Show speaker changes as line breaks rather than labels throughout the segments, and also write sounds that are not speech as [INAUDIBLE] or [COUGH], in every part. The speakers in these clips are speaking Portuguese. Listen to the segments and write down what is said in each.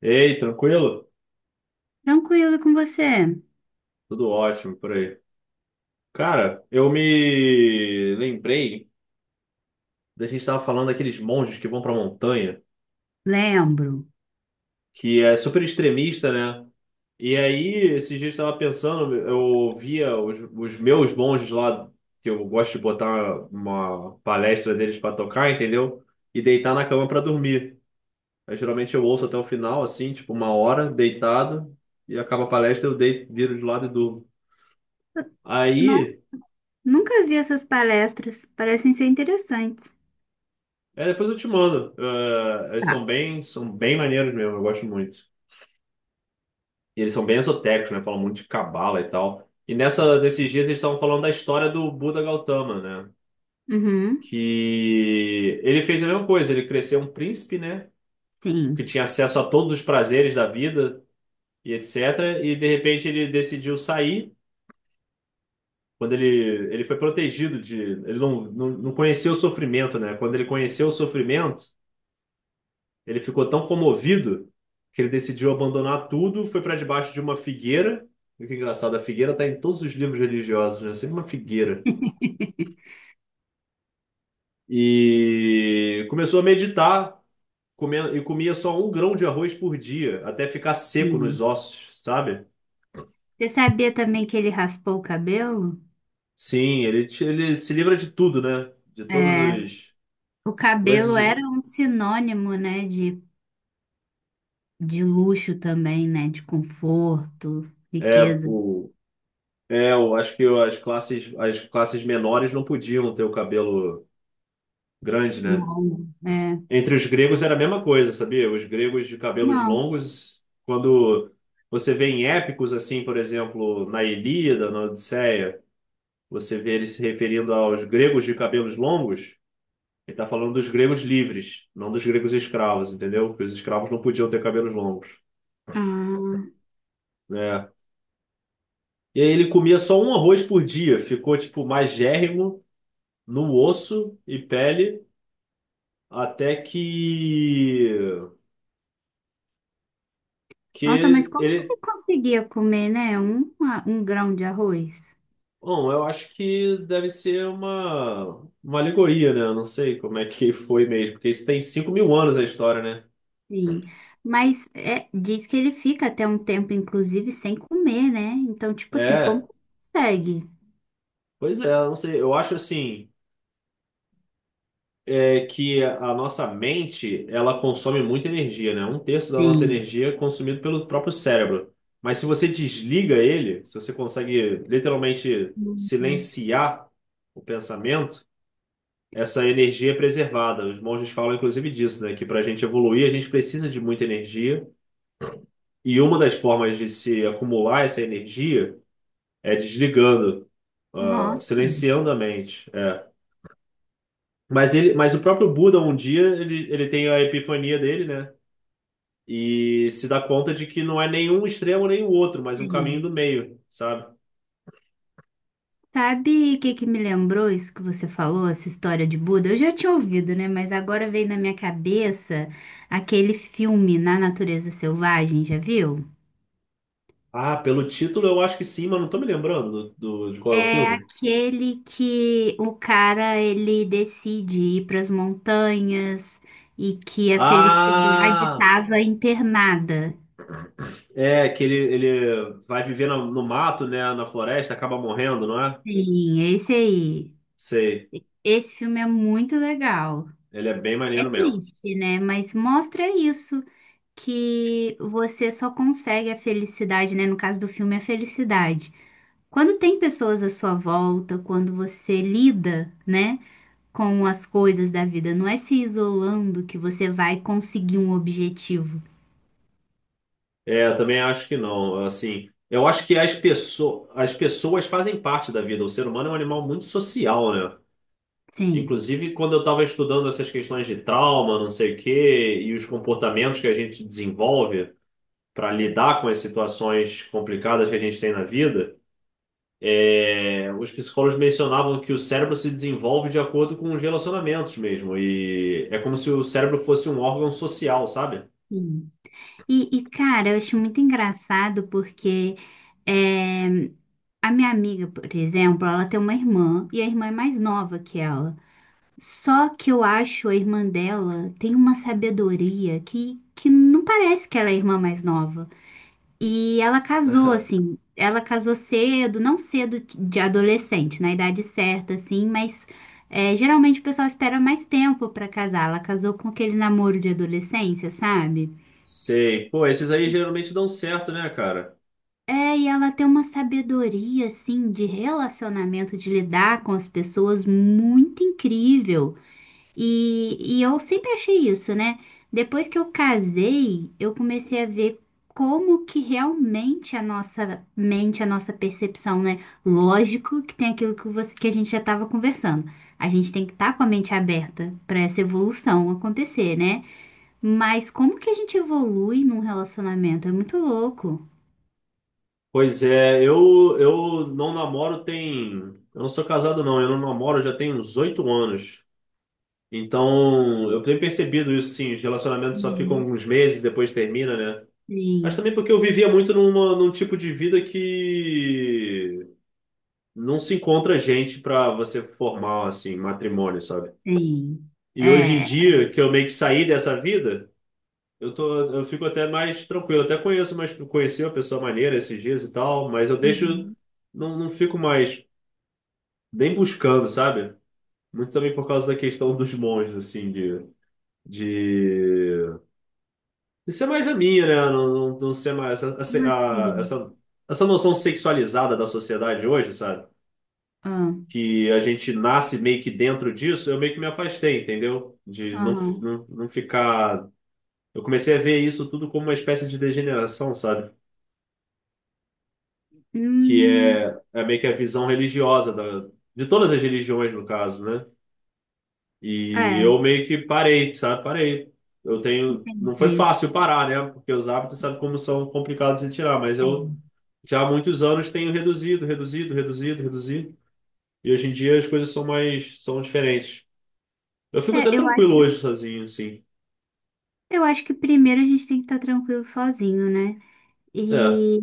Ei, tranquilo?
Tranquilo com você?
Tudo ótimo por aí. Cara, eu me lembrei da gente estava falando daqueles monges que vão pra montanha,
Lembro.
que é super extremista, né? E aí, esses dias eu estava pensando, eu via os meus monges lá, que eu gosto de botar uma palestra deles pra tocar, entendeu? E deitar na cama pra dormir. Aí, geralmente eu ouço até o final, assim, tipo uma hora, deitado, e acaba a palestra, eu deito, viro de lado e durmo.
Não,
Aí.
nunca vi essas palestras. Parecem ser interessantes.
É, depois eu te mando. Eles
Tá.
são bem maneiros mesmo, eu gosto muito. E eles são bem esotéricos, né? Falam muito de cabala e tal. Nesses dias eles estavam falando da história do Buda Gautama, né?
Uhum.
Que ele fez a mesma coisa, ele cresceu um príncipe, né? Que
Sim,
tinha acesso a todos os prazeres da vida e etc. E de repente ele decidiu sair. Quando ele foi protegido de. Ele não conheceu o sofrimento, né? Quando ele conheceu o sofrimento. Ele ficou tão comovido que ele decidiu abandonar tudo, foi para debaixo de uma figueira. E que é engraçado, a figueira está em todos os livros religiosos, né? Sempre uma figueira. E começou a meditar, comendo, e comia só um grão de arroz por dia, até ficar seco nos
sim.
ossos, sabe?
Você sabia também que ele raspou o cabelo?
Sim, ele, ele se livra de tudo, né? De todas
É,
as
o
coisas.
cabelo era um sinônimo, né, de luxo também, né, de conforto,
É,
riqueza.
o, é, eu acho que as classes menores não podiam ter o cabelo grande, né?
Longo, é.
Entre os gregos era a mesma coisa, sabia? Os gregos de cabelos
Não.
longos, quando você vê em épicos, assim, por exemplo, na Ilíada, na Odisseia, você vê ele se referindo aos gregos de cabelos longos, ele está falando dos gregos livres, não dos gregos escravos, entendeu? Porque os escravos não podiam ter cabelos longos,
Ah,
né? E aí ele comia só um arroz por dia, ficou, tipo, magérrimo no osso e pele, até que
nossa, mas como que
ele
ele conseguia comer, né, um grão de arroz?
Bom, eu acho que deve ser uma alegoria, né? Eu não sei como é que [LAUGHS] foi mesmo, porque isso tem 5 mil anos a história, né?
Sim, mas é, diz que ele fica até um tempo, inclusive, sem comer, né? Então, tipo assim, como
É,
consegue?
pois é, eu não sei. Eu acho assim, é, que a nossa mente, ela consome muita energia, né? Um terço da nossa
Sim.
energia é consumido pelo próprio cérebro. Mas se você desliga ele, se você consegue literalmente
Uhum.
silenciar o pensamento, essa energia é preservada. Os monges falam, inclusive, disso, né? Que para a gente evoluir, a gente precisa de muita energia. E uma das formas de se acumular essa energia é desligando,
Nossa,
silenciando a mente. É. Mas ele, mas o próprio Buda, um dia, ele tem a epifania dele, né? E se dá conta de que não é nenhum extremo nem o outro, mas um caminho
sim.
do meio, sabe?
Sabe o que que me lembrou isso que você falou, essa história de Buda? Eu já tinha ouvido, né? Mas agora veio na minha cabeça aquele filme Na Natureza Selvagem, já viu?
Ah, pelo título eu acho que sim, mas não tô me lembrando do, de qual é o
É
filme.
aquele que o cara ele decide ir para as montanhas e que a felicidade
Ah,
estava internada.
é que ele vai viver no, no mato, né? Na floresta, acaba morrendo, não é?
Sim, esse aí.
Sei.
Esse filme é muito legal.
Ele é bem
É
maneiro mesmo.
triste, né? Mas mostra isso, que você só consegue a felicidade, né? No caso do filme, a felicidade. Quando tem pessoas à sua volta, quando você lida, né? com as coisas da vida. Não é se isolando que você vai conseguir um objetivo.
É, eu também acho que não. Assim, eu acho que as pessoas fazem parte da vida. O ser humano é um animal muito social, né?
Sim.
Inclusive, quando eu estava estudando essas questões de trauma, não sei o quê, e os comportamentos que a gente desenvolve para lidar com as situações complicadas que a gente tem na vida, é, os psicólogos mencionavam que o cérebro se desenvolve de acordo com os relacionamentos mesmo. E é como se o cérebro fosse um órgão social, sabe?
Sim. Cara, eu acho muito engraçado porque é, a minha amiga, por exemplo, ela tem uma irmã e a irmã é mais nova que ela. Só que eu acho a irmã dela tem uma sabedoria que não parece que ela é a irmã mais nova. E ela casou, assim, ela casou cedo, não cedo de adolescente, na idade certa, assim, mas é, geralmente o pessoal espera mais tempo pra casar. Ela casou com aquele namoro de adolescência, sabe?
Sei. Pô, esses aí geralmente dão certo, né, cara?
É, e ela tem uma sabedoria, assim, de relacionamento, de lidar com as pessoas muito incrível. E eu sempre achei isso, né? Depois que eu casei, eu comecei a ver como que realmente a nossa mente, a nossa percepção, né? Lógico que tem aquilo que a gente já estava conversando. A gente tem que estar com a mente aberta para essa evolução acontecer, né? Mas como que a gente evolui num relacionamento? É muito louco.
Pois é, eu não namoro tem. Eu não sou casado, não. Eu não namoro já tem uns 8 anos. Então, eu tenho percebido isso, sim. Os relacionamentos só ficam
Uhum.
uns meses, depois termina, né? Mas
Sim,
também porque eu vivia muito num tipo de vida que não se encontra gente pra você formar, assim, matrimônio, sabe?
sim. É,
E hoje em
é-
dia, que eu meio que saí dessa vida, eu tô, eu fico até mais tranquilo. Até conheço, mas conheci uma pessoa maneira esses dias e tal, mas eu deixo.
Uhum.
Não fico mais. Bem buscando, sabe? Muito também por causa da questão dos monges, assim, de... Isso é mais a minha, né? Não ser mais essa,
Como assim?
essa, essa noção sexualizada da sociedade hoje, sabe?
Ah,
Que a gente nasce meio que dentro disso, eu meio que me afastei, entendeu? De não,
aham.
não, não ficar. Eu comecei a ver isso tudo como uma espécie de degeneração, sabe? Que
Hum,
é, é meio que a visão religiosa da, de todas as religiões, no caso, né? E
é.
eu meio que parei, sabe? Parei. Eu tenho. Não foi
Entendi.
fácil parar, né? Porque os hábitos, sabe como são complicados de tirar, mas eu já há muitos anos tenho reduzido, reduzido, reduzido, reduzido. E hoje em dia as coisas são mais, são diferentes. Eu fico
É, é,
até tranquilo hoje sozinho, assim.
eu acho que primeiro a gente tem que estar tranquilo sozinho, né?
É,
E,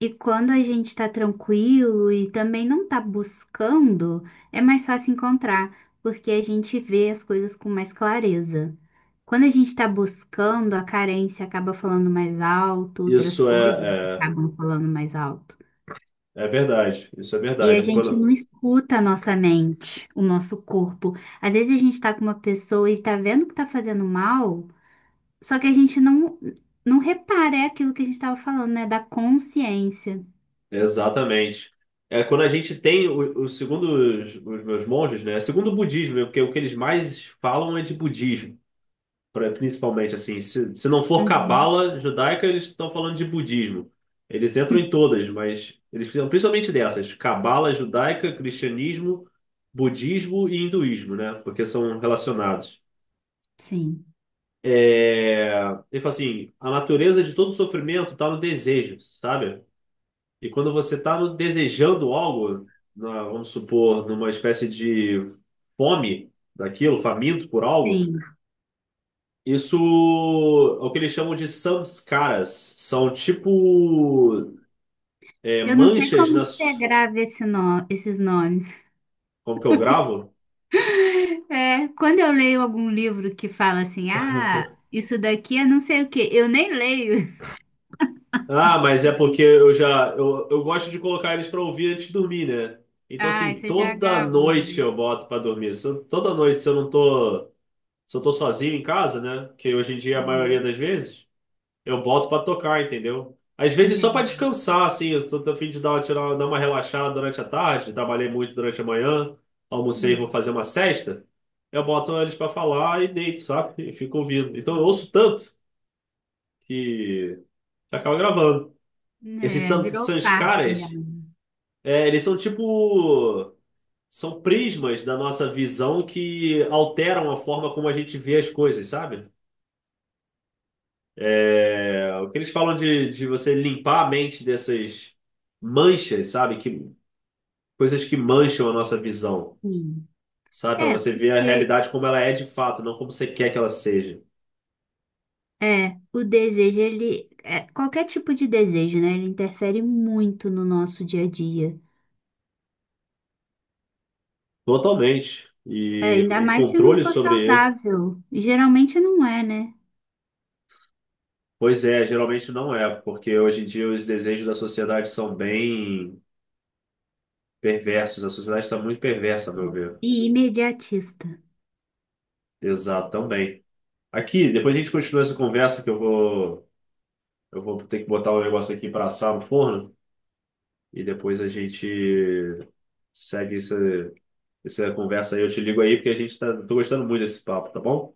e quando a gente está tranquilo e também não tá buscando, é mais fácil encontrar, porque a gente vê as coisas com mais clareza. Quando a gente está buscando, a carência acaba falando mais alto, outras
isso
coisas
é,
acabam falando mais alto.
é, é verdade. Isso é
E a
verdade.
gente não
Quando,
escuta a nossa mente, o nosso corpo. Às vezes a gente tá com uma pessoa e tá vendo que tá fazendo mal. Só que a gente não repara, é aquilo que a gente estava falando, né? Da consciência.
exatamente. É quando a gente tem o segundo os meus monges, né? Segundo o budismo, né? porque o que eles mais falam é de budismo. Principalmente assim, se não for
Uhum.
cabala judaica, eles estão falando de budismo. Eles entram em
[LAUGHS]
todas, mas eles fizeram principalmente dessas, cabala judaica, cristianismo, budismo e hinduísmo, né? Porque são relacionados.
Sim,
É, Ele fala assim, a natureza de todo sofrimento está no desejo, sabe? E quando você está desejando algo, vamos supor, numa espécie de fome daquilo, faminto por algo,
sim.
Isso é o que eles chamam de samskaras. São tipo é,
Eu não sei
manchas
como que você
nas.
grava esse no- esses nomes.
Como que eu gravo?
É, quando eu leio algum livro que fala assim, ah, isso daqui é não sei o quê, eu nem leio. [LAUGHS]
Ah, mas é porque eu já. Eu gosto de colocar eles pra ouvir antes de dormir, né? Então,
Ah,
assim,
você já
toda
gravou,
noite
né?
eu boto pra dormir. Se eu- toda noite, se eu não tô. Se eu tô sozinho em casa, né? Que hoje em dia é a
Uhum,
maioria das vezes. Eu boto pra tocar, entendeu? Às vezes só pra
entendi.
descansar, assim, eu tô, tô a fim de dar, tirar, dar uma relaxada durante a tarde, trabalhei muito durante a manhã, almocei, vou
Uhum.
fazer uma sesta, eu boto eles pra falar e deito, sabe? E fico ouvindo. Então eu ouço tanto que acaba gravando. Esses
É, virou parte já.
sanskaras, é, eles são tipo... São prismas da nossa visão que alteram a forma como a gente vê as coisas, sabe? É, o que eles falam de você limpar a mente dessas manchas, sabe? Que, coisas que mancham a nossa visão,
Sim.
sabe? Para
É,
você ver a
porque
realidade como ela é de fato, não como você quer que ela seja.
é, o desejo, ele, é, qualquer tipo de desejo, né? Ele interfere muito no nosso dia a dia.
Totalmente.
É,
E
ainda
o
mais se não
controle
for
sobre ele,
saudável. Geralmente não é, né?
pois é, geralmente não é, porque hoje em dia os desejos da sociedade são bem perversos. A sociedade está muito perversa, a meu ver.
E imediatista.
Exato, também. Aqui, depois a gente continua essa conversa que eu vou ter que botar um negócio aqui para assar no forno. E depois a gente segue essa, essa conversa aí. Eu te ligo aí porque a gente tá, tô gostando muito desse papo, tá bom?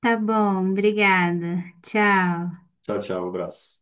Tá bom, obrigada. Tchau.
Tchau, tchau, um abraço.